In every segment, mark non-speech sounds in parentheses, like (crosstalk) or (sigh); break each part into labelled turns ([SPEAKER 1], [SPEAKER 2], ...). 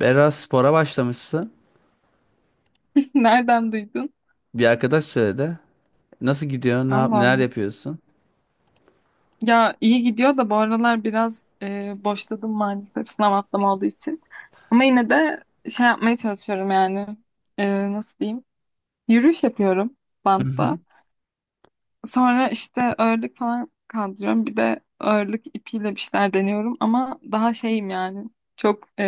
[SPEAKER 1] Biraz spora başlamışsın.
[SPEAKER 2] (laughs) Nereden duydun?
[SPEAKER 1] Bir arkadaş söyledi. Nasıl gidiyor?
[SPEAKER 2] Allah
[SPEAKER 1] Neler
[SPEAKER 2] Allah.
[SPEAKER 1] yapıyorsun?
[SPEAKER 2] Ya iyi gidiyor da bu aralar biraz boşladım maalesef sınav haftam olduğu için. Ama yine de şey yapmaya çalışıyorum yani. Nasıl diyeyim? Yürüyüş yapıyorum
[SPEAKER 1] Hı
[SPEAKER 2] bantta.
[SPEAKER 1] hı.
[SPEAKER 2] Sonra işte ağırlık falan kaldırıyorum. Bir de ağırlık ipiyle bir şeyler deniyorum. Ama daha şeyim yani. Çok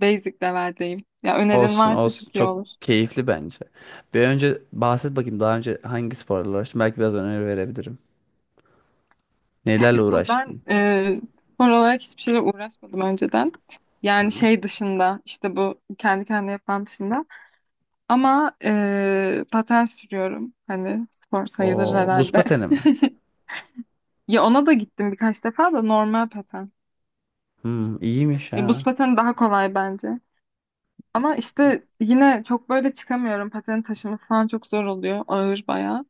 [SPEAKER 2] basic level'deyim. Ya önerin
[SPEAKER 1] Olsun
[SPEAKER 2] varsa
[SPEAKER 1] olsun.
[SPEAKER 2] çok iyi
[SPEAKER 1] Çok
[SPEAKER 2] olur.
[SPEAKER 1] keyifli bence. Bir önce bahset bakayım, daha önce hangi sporla uğraştın? Belki biraz öneri verebilirim. Nelerle
[SPEAKER 2] Ben
[SPEAKER 1] uğraştın?
[SPEAKER 2] spor olarak hiçbir şeyle uğraşmadım önceden. Yani şey dışında işte bu kendi kendine yapan dışında. Ama paten sürüyorum. Hani spor sayılır
[SPEAKER 1] O buz
[SPEAKER 2] herhalde.
[SPEAKER 1] pateni mi?
[SPEAKER 2] (laughs) Ya ona da gittim birkaç defa da normal paten.
[SPEAKER 1] Hmm, iyiymiş
[SPEAKER 2] Ya buz
[SPEAKER 1] ha.
[SPEAKER 2] pateni daha kolay bence. Ama işte yine çok böyle çıkamıyorum. Patenin taşıması falan çok zor oluyor. Ağır bayağı.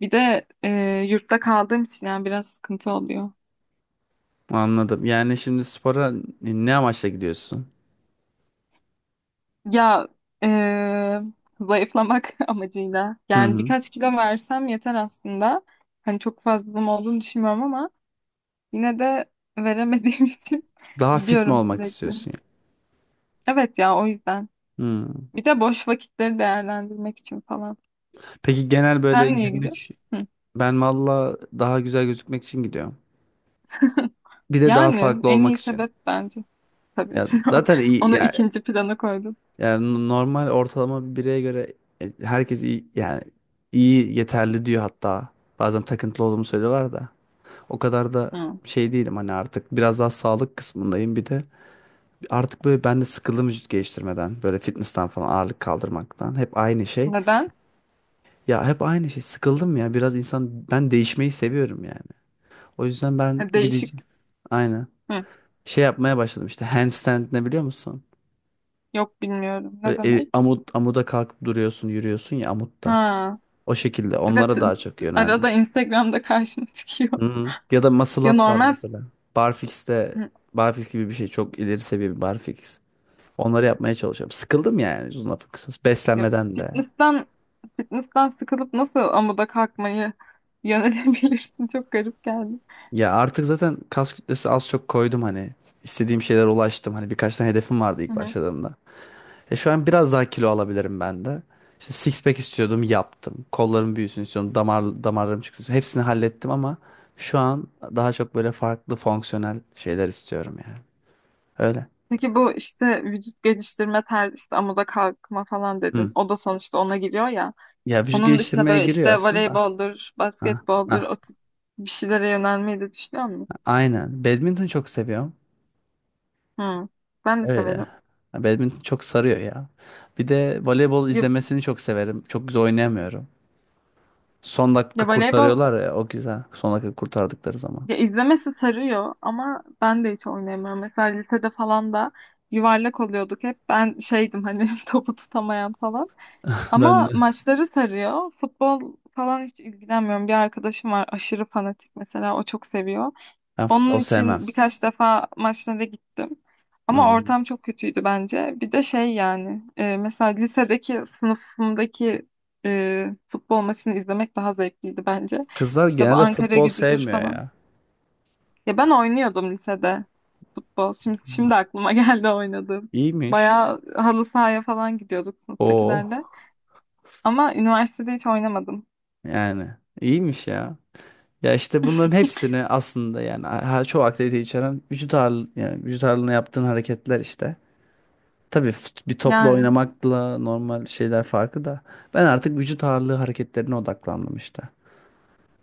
[SPEAKER 2] Bir de yurtta kaldığım için yani biraz sıkıntı oluyor.
[SPEAKER 1] Anladım. Yani şimdi spora ne amaçla gidiyorsun?
[SPEAKER 2] Ya eee, zayıflamak (laughs) amacıyla.
[SPEAKER 1] Hı
[SPEAKER 2] Yani
[SPEAKER 1] hı.
[SPEAKER 2] birkaç kilo versem yeter aslında. Hani çok fazlalığım olduğunu düşünmüyorum ama yine de veremediğim (laughs) için
[SPEAKER 1] Daha fit mi
[SPEAKER 2] gidiyorum
[SPEAKER 1] olmak
[SPEAKER 2] sürekli.
[SPEAKER 1] istiyorsun, ya?
[SPEAKER 2] Evet ya, o yüzden.
[SPEAKER 1] Hmm.
[SPEAKER 2] Bir de boş vakitleri değerlendirmek için falan.
[SPEAKER 1] Peki genel böyle
[SPEAKER 2] Sen niye gidiyorsun?
[SPEAKER 1] günlük
[SPEAKER 2] Hı.
[SPEAKER 1] ben valla daha güzel gözükmek için gidiyorum. Bir de daha
[SPEAKER 2] Yani
[SPEAKER 1] sağlıklı
[SPEAKER 2] en
[SPEAKER 1] olmak
[SPEAKER 2] iyi
[SPEAKER 1] için.
[SPEAKER 2] sebep bence. Tabii.
[SPEAKER 1] Ya
[SPEAKER 2] (laughs)
[SPEAKER 1] zaten iyi
[SPEAKER 2] Onu
[SPEAKER 1] ya,
[SPEAKER 2] ikinci plana koydum.
[SPEAKER 1] yani normal ortalama bir bireye göre herkes iyi yani iyi yeterli diyor hatta. Bazen takıntılı olduğumu söylüyorlar da. O kadar da
[SPEAKER 2] Hı.
[SPEAKER 1] şey değilim hani, artık biraz daha sağlık kısmındayım, bir de artık böyle ben de sıkıldım vücut geliştirmeden, böyle fitness'tan falan, ağırlık kaldırmaktan, hep aynı şey.
[SPEAKER 2] Neden?
[SPEAKER 1] Ya hep aynı şey, sıkıldım ya, biraz insan, ben değişmeyi seviyorum yani. O yüzden ben
[SPEAKER 2] Değişik.
[SPEAKER 1] gideceğim, aynen
[SPEAKER 2] Hı.
[SPEAKER 1] şey yapmaya başladım işte, handstand ne biliyor musun?
[SPEAKER 2] Yok, bilmiyorum. Ne
[SPEAKER 1] Böyle,
[SPEAKER 2] demek?
[SPEAKER 1] amuda kalkıp duruyorsun, yürüyorsun ya amutta.
[SPEAKER 2] Ha.
[SPEAKER 1] O şekilde
[SPEAKER 2] Evet,
[SPEAKER 1] onlara daha çok yöneldim.
[SPEAKER 2] arada Instagram'da karşıma çıkıyor.
[SPEAKER 1] Hı-hı. Ya da
[SPEAKER 2] (laughs)
[SPEAKER 1] muscle
[SPEAKER 2] Ya
[SPEAKER 1] up var
[SPEAKER 2] normal,
[SPEAKER 1] mesela. Barfix'te, barfix gibi bir şey, çok ileri seviye bir barfix. Onları yapmaya çalışıyorum. Sıkıldım yani, uzun lafı kısası.
[SPEAKER 2] ya
[SPEAKER 1] Beslenmeden de.
[SPEAKER 2] fitness'ten fitness'ten sıkılıp nasıl amuda kalkmayı yönelebilirsin? (laughs) Çok garip geldi.
[SPEAKER 1] Ya artık zaten kas kütlesi az çok koydum hani. İstediğim şeylere ulaştım. Hani birkaç tane hedefim vardı
[SPEAKER 2] Hı
[SPEAKER 1] ilk
[SPEAKER 2] hı.
[SPEAKER 1] başladığımda. Şu an biraz daha kilo alabilirim ben de. İşte six pack istiyordum, yaptım. Kollarım büyüsün istiyordum. Damarlarım çıksın istiyordum. Hepsini hallettim ama şu an daha çok böyle farklı fonksiyonel şeyler istiyorum yani. Öyle.
[SPEAKER 2] Peki bu işte vücut geliştirme tarzı işte amuda kalkma falan dedin.
[SPEAKER 1] Hı.
[SPEAKER 2] O da sonuçta ona giriyor ya.
[SPEAKER 1] Ya vücut
[SPEAKER 2] Onun dışında
[SPEAKER 1] geliştirmeye
[SPEAKER 2] böyle
[SPEAKER 1] giriyor
[SPEAKER 2] işte
[SPEAKER 1] aslında da.
[SPEAKER 2] voleyboldur,
[SPEAKER 1] Ha,
[SPEAKER 2] basketboldur,
[SPEAKER 1] ha.
[SPEAKER 2] o tip bir şeylere yönelmeyi de düşünüyor musun?
[SPEAKER 1] Aynen. Badminton çok seviyorum.
[SPEAKER 2] Hı. Ben de
[SPEAKER 1] Öyle.
[SPEAKER 2] severim.
[SPEAKER 1] Ya, Badminton çok sarıyor ya. Bir de voleybol
[SPEAKER 2] Ya,
[SPEAKER 1] izlemesini çok severim. Çok güzel oynayamıyorum. Son dakika
[SPEAKER 2] ya voleybol.
[SPEAKER 1] kurtarıyorlar ya, o güzel. Son dakika kurtardıkları zaman.
[SPEAKER 2] Ya, izlemesi sarıyor ama ben de hiç oynayamıyorum. Mesela lisede falan da yuvarlak oluyorduk hep. Ben şeydim hani (laughs) topu tutamayan falan.
[SPEAKER 1] (laughs) Ben
[SPEAKER 2] Ama
[SPEAKER 1] de.
[SPEAKER 2] maçları sarıyor. Futbol falan hiç ilgilenmiyorum. Bir arkadaşım var aşırı fanatik, mesela o çok seviyor.
[SPEAKER 1] Ben futbol
[SPEAKER 2] Onun
[SPEAKER 1] sevmem.
[SPEAKER 2] için birkaç defa maçlara gittim. Ama
[SPEAKER 1] Hmm.
[SPEAKER 2] ortam çok kötüydü bence. Bir de şey yani mesela lisedeki sınıfımdaki futbol maçını izlemek daha zevkliydi bence.
[SPEAKER 1] Kızlar
[SPEAKER 2] İşte bu
[SPEAKER 1] genelde
[SPEAKER 2] Ankara
[SPEAKER 1] futbol
[SPEAKER 2] gücüdür
[SPEAKER 1] sevmiyor
[SPEAKER 2] falan.
[SPEAKER 1] ya.
[SPEAKER 2] Ya ben oynuyordum lisede futbol. Şimdi şimdi aklıma (laughs) geldi, oynadım.
[SPEAKER 1] İyiymiş.
[SPEAKER 2] Bayağı halı sahaya falan gidiyorduk
[SPEAKER 1] Oo.
[SPEAKER 2] sınıftakilerle. Ama üniversitede hiç oynamadım.
[SPEAKER 1] Yani iyiymiş ya. Ya işte bunların hepsini aslında, yani her çoğu aktivite içeren vücut ağırlığı, yani vücut ağırlığına yaptığın hareketler işte. Tabii bir topla
[SPEAKER 2] Yani,
[SPEAKER 1] oynamakla normal şeyler farkı da, ben artık vücut ağırlığı hareketlerine odaklandım işte.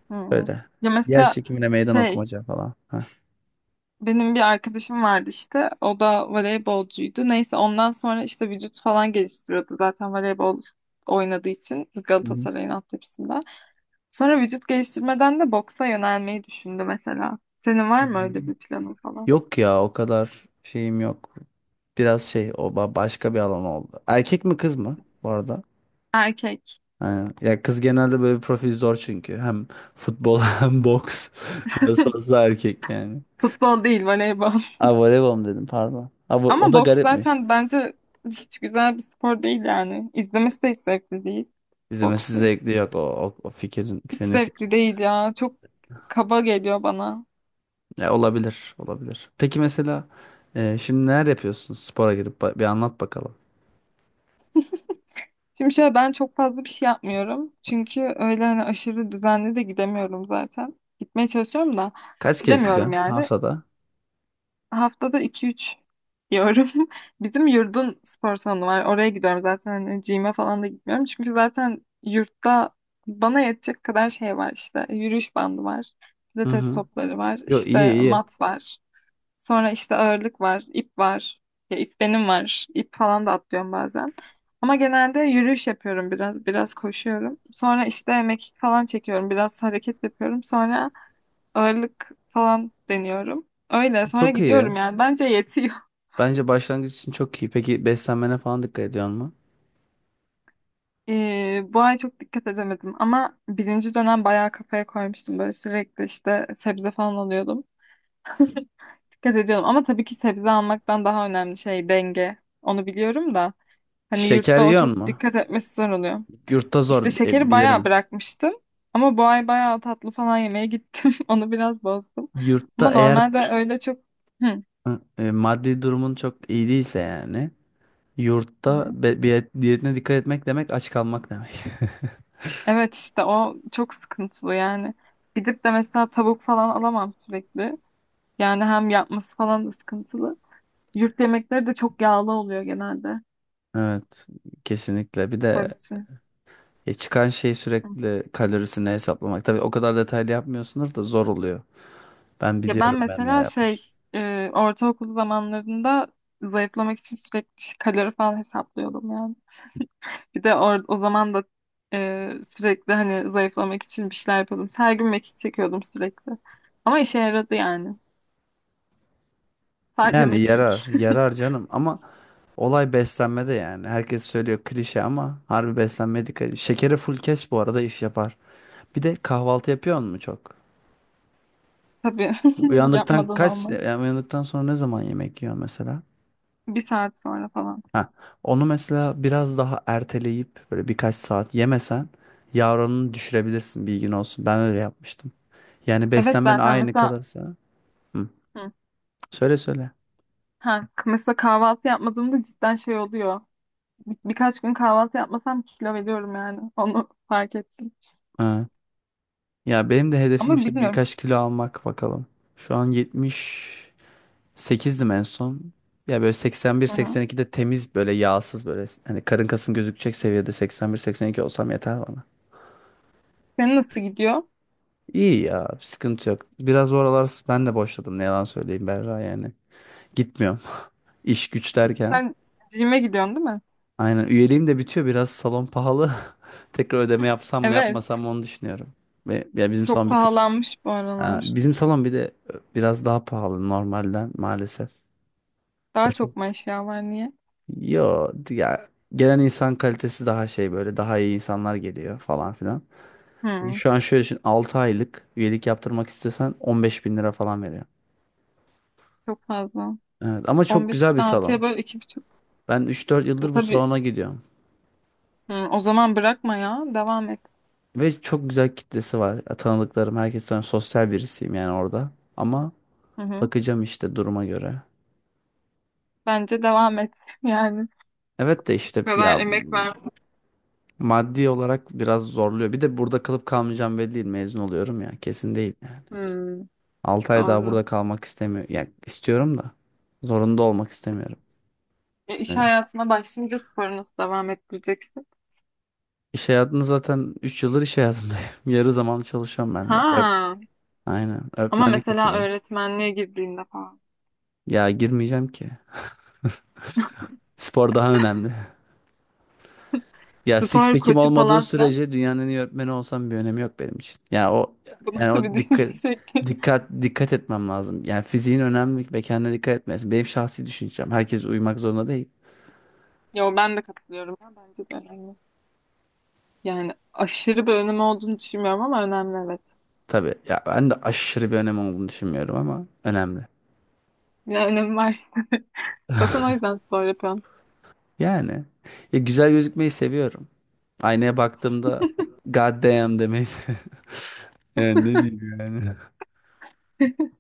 [SPEAKER 2] hmm.
[SPEAKER 1] Öyle.
[SPEAKER 2] Ya
[SPEAKER 1] Yer
[SPEAKER 2] mesela
[SPEAKER 1] çekimine meydan
[SPEAKER 2] şey,
[SPEAKER 1] okumaca falan. Heh.
[SPEAKER 2] benim bir arkadaşım vardı işte. O da voleybolcuydu. Neyse, ondan sonra işte vücut falan geliştiriyordu zaten, voleybol oynadığı için
[SPEAKER 1] Hı hı.
[SPEAKER 2] Galatasaray'ın altyapısında. Sonra vücut geliştirmeden de boksa yönelmeyi düşündü mesela. Senin var
[SPEAKER 1] Hı
[SPEAKER 2] mı
[SPEAKER 1] hı.
[SPEAKER 2] öyle bir planın falan?
[SPEAKER 1] Yok ya, o kadar şeyim yok. Biraz şey, o başka bir alan oldu. Erkek mi kız mı bu arada?
[SPEAKER 2] Erkek.
[SPEAKER 1] Aynen. Ya kız genelde böyle bir profil zor çünkü. Hem futbol (laughs) hem boks. Biraz fazla erkek yani.
[SPEAKER 2] Futbol değil, voleybol.
[SPEAKER 1] Aa, voleybol mu dedim, pardon.
[SPEAKER 2] (laughs)
[SPEAKER 1] O
[SPEAKER 2] Ama
[SPEAKER 1] da
[SPEAKER 2] boks
[SPEAKER 1] garipmiş.
[SPEAKER 2] zaten bence hiç güzel bir spor değil yani. İzlemesi de hiç zevkli değil
[SPEAKER 1] İzlemesi
[SPEAKER 2] boksu.
[SPEAKER 1] zevkli, yok o fikrin,
[SPEAKER 2] Hiç
[SPEAKER 1] senin fikrin.
[SPEAKER 2] zevkli değil ya. Çok kaba geliyor bana.
[SPEAKER 1] Ya, olabilir olabilir. Peki mesela şimdi neler yapıyorsun spora gidip, bir anlat bakalım.
[SPEAKER 2] Şimdi şöyle, ben çok fazla bir şey yapmıyorum. Çünkü öyle hani aşırı düzenli de gidemiyorum zaten. Gitmeye çalışıyorum da
[SPEAKER 1] Kaç kez
[SPEAKER 2] gidemiyorum
[SPEAKER 1] gideceksin
[SPEAKER 2] yani.
[SPEAKER 1] haftada?
[SPEAKER 2] Haftada iki üç diyorum. (laughs) Bizim yurdun spor salonu var. Oraya gidiyorum zaten. Hani gym'e falan da gitmiyorum. Çünkü zaten yurtta bana yetecek kadar şey var işte. Yürüyüş bandı var.
[SPEAKER 1] Hı
[SPEAKER 2] Pilates
[SPEAKER 1] hı.
[SPEAKER 2] topları var.
[SPEAKER 1] Yo iyi
[SPEAKER 2] İşte
[SPEAKER 1] iyi.
[SPEAKER 2] mat var. Sonra işte ağırlık var. İp var. Ya, ip benim var. İp falan da atlıyorum bazen. Ama genelde yürüyüş yapıyorum biraz. Biraz koşuyorum. Sonra işte mekik falan çekiyorum. Biraz hareket yapıyorum. Sonra ağırlık falan deniyorum. Öyle, sonra
[SPEAKER 1] Çok iyi.
[SPEAKER 2] gidiyorum yani. Bence yetiyor. (laughs)
[SPEAKER 1] Bence başlangıç için çok iyi. Peki beslenmene falan dikkat ediyorsun mu?
[SPEAKER 2] Bu ay çok dikkat edemedim ama birinci dönem bayağı kafaya koymuştum. Böyle sürekli işte sebze falan alıyordum. Dikkat ediyordum ama tabii ki sebze almaktan daha önemli şey denge. Onu biliyorum da hani
[SPEAKER 1] Şeker
[SPEAKER 2] yurtta o
[SPEAKER 1] yiyorsun
[SPEAKER 2] çok
[SPEAKER 1] mu?
[SPEAKER 2] dikkat etmesi zor oluyor.
[SPEAKER 1] Yurtta zor,
[SPEAKER 2] İşte şekeri bayağı
[SPEAKER 1] bilirim.
[SPEAKER 2] bırakmıştım ama bu ay bayağı tatlı falan yemeye gittim. (laughs) Onu biraz bozdum. Ama
[SPEAKER 1] Yurtta eğer...
[SPEAKER 2] normalde öyle çok... Hı.
[SPEAKER 1] Ha, maddi durumun çok iyi değilse, yani yurtta bir diyetine dikkat etmek demek, aç kalmak demek. (laughs)
[SPEAKER 2] Evet, işte o çok sıkıntılı yani. Gidip de mesela tavuk falan alamam sürekli. Yani hem yapması falan da sıkıntılı. Yurt yemekleri de çok yağlı oluyor genelde.
[SPEAKER 1] Evet, kesinlikle, bir de
[SPEAKER 2] Barışçı.
[SPEAKER 1] çıkan şey, sürekli kalorisini hesaplamak. Tabii o kadar detaylı yapmıyorsunuz da zor oluyor. Ben
[SPEAKER 2] Ya ben
[SPEAKER 1] biliyorum, ben de
[SPEAKER 2] mesela şey,
[SPEAKER 1] yapmıştım.
[SPEAKER 2] ortaokul zamanlarında zayıflamak için sürekli kalori falan hesaplıyordum yani. Bir de o zaman da sürekli hani zayıflamak için bir şeyler yapıyordum. Her gün mekik çekiyordum sürekli. Ama işe yaradı yani. Sadece
[SPEAKER 1] Yani
[SPEAKER 2] mekik.
[SPEAKER 1] yarar yarar canım ama olay beslenmede yani. Herkes söylüyor klişe ama harbi, beslenmeye dikkat edin. Şekeri full kes, bu arada iş yapar. Bir de kahvaltı yapıyor mu çok?
[SPEAKER 2] (laughs) Tabii, (laughs)
[SPEAKER 1] Uyandıktan
[SPEAKER 2] yapmadan
[SPEAKER 1] kaç,
[SPEAKER 2] olmaz.
[SPEAKER 1] yani uyandıktan sonra ne zaman yemek yiyor mesela?
[SPEAKER 2] Bir saat sonra falan.
[SPEAKER 1] Ha, onu mesela biraz daha erteleyip böyle birkaç saat yemesen, yağ oranını düşürebilirsin, bilgin olsun. Ben öyle yapmıştım. Yani
[SPEAKER 2] Evet,
[SPEAKER 1] beslenmen
[SPEAKER 2] zaten
[SPEAKER 1] aynı
[SPEAKER 2] mesela
[SPEAKER 1] kalırsa. Hı.
[SPEAKER 2] hı,
[SPEAKER 1] Söyle söyle.
[SPEAKER 2] mesela kahvaltı yapmadığımda cidden şey oluyor. Birkaç gün kahvaltı yapmasam kilo veriyorum yani. (laughs) Onu fark ettim.
[SPEAKER 1] Ha. Ya benim de hedefim
[SPEAKER 2] Ama
[SPEAKER 1] işte
[SPEAKER 2] bilmiyorum.
[SPEAKER 1] birkaç kilo almak, bakalım. Şu an 78'dim, en son. Ya böyle
[SPEAKER 2] Hı hı.
[SPEAKER 1] 81-82'de, temiz böyle yağsız, böyle hani karın kasım gözükecek seviyede, 81 82 olsam yeter bana.
[SPEAKER 2] Senin nasıl gidiyor?
[SPEAKER 1] İyi ya, sıkıntı yok. Biraz bu aralar ben de boşladım, ne yalan söyleyeyim Berra yani. Gitmiyor. İş güç derken.
[SPEAKER 2] Sen gym'e gidiyorsun değil mi?
[SPEAKER 1] Aynen, üyeliğim de bitiyor, biraz salon pahalı. (laughs) Tekrar ödeme yapsam mı
[SPEAKER 2] Evet.
[SPEAKER 1] yapmasam mı, onu düşünüyorum. Ve ya bizim
[SPEAKER 2] Çok
[SPEAKER 1] salon bir tık...
[SPEAKER 2] pahalanmış bu
[SPEAKER 1] Ha,
[SPEAKER 2] aralar.
[SPEAKER 1] bizim salon bir de biraz daha pahalı normalden maalesef.
[SPEAKER 2] Daha
[SPEAKER 1] Hoş mu?
[SPEAKER 2] çok mu eşya var, niye?
[SPEAKER 1] Yo ya, gelen insan kalitesi daha şey, böyle daha iyi insanlar geliyor falan filan.
[SPEAKER 2] Hı,
[SPEAKER 1] Şu an şöyle düşün, 6 aylık üyelik yaptırmak istesen 15 bin lira falan veriyor.
[SPEAKER 2] çok fazla.
[SPEAKER 1] Evet ama çok
[SPEAKER 2] 15 bin
[SPEAKER 1] güzel bir
[SPEAKER 2] altıya
[SPEAKER 1] salon.
[SPEAKER 2] böyle iki buçuk.
[SPEAKER 1] Ben üç dört
[SPEAKER 2] Ya
[SPEAKER 1] yıldır bu
[SPEAKER 2] tabii,
[SPEAKER 1] salona gidiyorum.
[SPEAKER 2] hı, o zaman bırakma ya. Devam et.
[SPEAKER 1] Ve çok güzel kitlesi var. Ya, tanıdıklarım herkes, sosyal birisiyim yani orada. Ama
[SPEAKER 2] Hı hı.
[SPEAKER 1] bakacağım işte duruma göre.
[SPEAKER 2] Bence devam et. (laughs) Yani
[SPEAKER 1] Evet de
[SPEAKER 2] bu
[SPEAKER 1] işte
[SPEAKER 2] kadar
[SPEAKER 1] ya,
[SPEAKER 2] emek ver.
[SPEAKER 1] maddi olarak biraz zorluyor. Bir de burada kalıp kalmayacağım belli değil. Mezun oluyorum ya, kesin değil.
[SPEAKER 2] Hı.
[SPEAKER 1] 6 ay daha
[SPEAKER 2] Doğru.
[SPEAKER 1] burada kalmak istemiyorum. Yani istiyorum da zorunda olmak istemiyorum.
[SPEAKER 2] E, iş
[SPEAKER 1] Öyle.
[SPEAKER 2] hayatına başlayınca sporu nasıl devam ettireceksin?
[SPEAKER 1] İş hayatını zaten 3 yıldır iş hayatındayım. (laughs) Yarı zamanlı çalışıyorum ben hep. Öğretmenlik...
[SPEAKER 2] Ha.
[SPEAKER 1] Aynen.
[SPEAKER 2] Ama
[SPEAKER 1] Öğretmenlik
[SPEAKER 2] mesela
[SPEAKER 1] yapıyorum.
[SPEAKER 2] öğretmenliğe girdiğinde falan.
[SPEAKER 1] Ya girmeyeceğim ki. Spor daha önemli. Ya six
[SPEAKER 2] Spor
[SPEAKER 1] pack'im
[SPEAKER 2] koçu
[SPEAKER 1] olmadığı
[SPEAKER 2] falan filan.
[SPEAKER 1] sürece dünyanın en iyi öğretmeni olsam bir önemi yok benim için. Ya o
[SPEAKER 2] Bu
[SPEAKER 1] yani,
[SPEAKER 2] nasıl bir
[SPEAKER 1] o dikkat
[SPEAKER 2] düşünce (laughs) şekli?
[SPEAKER 1] dikkat dikkat etmem lazım. Yani fiziğin önemli ve kendine dikkat etmesi benim şahsi düşüncem. Herkes uyumak zorunda değil.
[SPEAKER 2] Yo, ben de katılıyorum ya. Bence de önemli. Yani aşırı bir önemi olduğunu düşünmüyorum ama önemli, evet.
[SPEAKER 1] Tabii ya, ben de aşırı bir önem olduğunu düşünmüyorum ama önemli.
[SPEAKER 2] Ya, önemi var. (laughs) Zaten o yüzden spor yapıyorum.
[SPEAKER 1] Yani, ya güzel gözükmeyi seviyorum. Aynaya baktığımda God damn demeyi seviyorum. (laughs) Yani ne diyeyim yani. (laughs)
[SPEAKER 2] (laughs)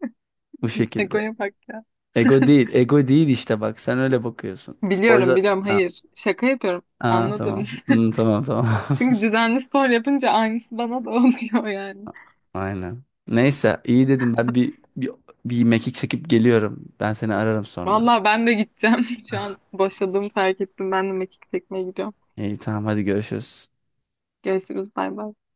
[SPEAKER 1] Bu şekilde.
[SPEAKER 2] Egoya bak ya.
[SPEAKER 1] Ego
[SPEAKER 2] (laughs)
[SPEAKER 1] değil. Ego değil işte bak. Sen öyle bakıyorsun.
[SPEAKER 2] Biliyorum,
[SPEAKER 1] Sporcular...
[SPEAKER 2] biliyorum, hayır. Şaka yapıyorum.
[SPEAKER 1] Aa,
[SPEAKER 2] Anladım.
[SPEAKER 1] tamam. Hmm, tamam tamam.
[SPEAKER 2] (laughs) Çünkü düzenli spor yapınca aynısı bana da (laughs) oluyor yani.
[SPEAKER 1] (laughs) Aynen. Neyse, iyi, dedim ben bir mekik çekip geliyorum. Ben seni ararım sonra.
[SPEAKER 2] Vallahi ben de gideceğim. (laughs) Şu an boşladığımı fark ettim. Ben de mekik çekmeye gidiyorum.
[SPEAKER 1] İyi, tamam, hadi görüşürüz.
[SPEAKER 2] Görüşürüz. Bay bay.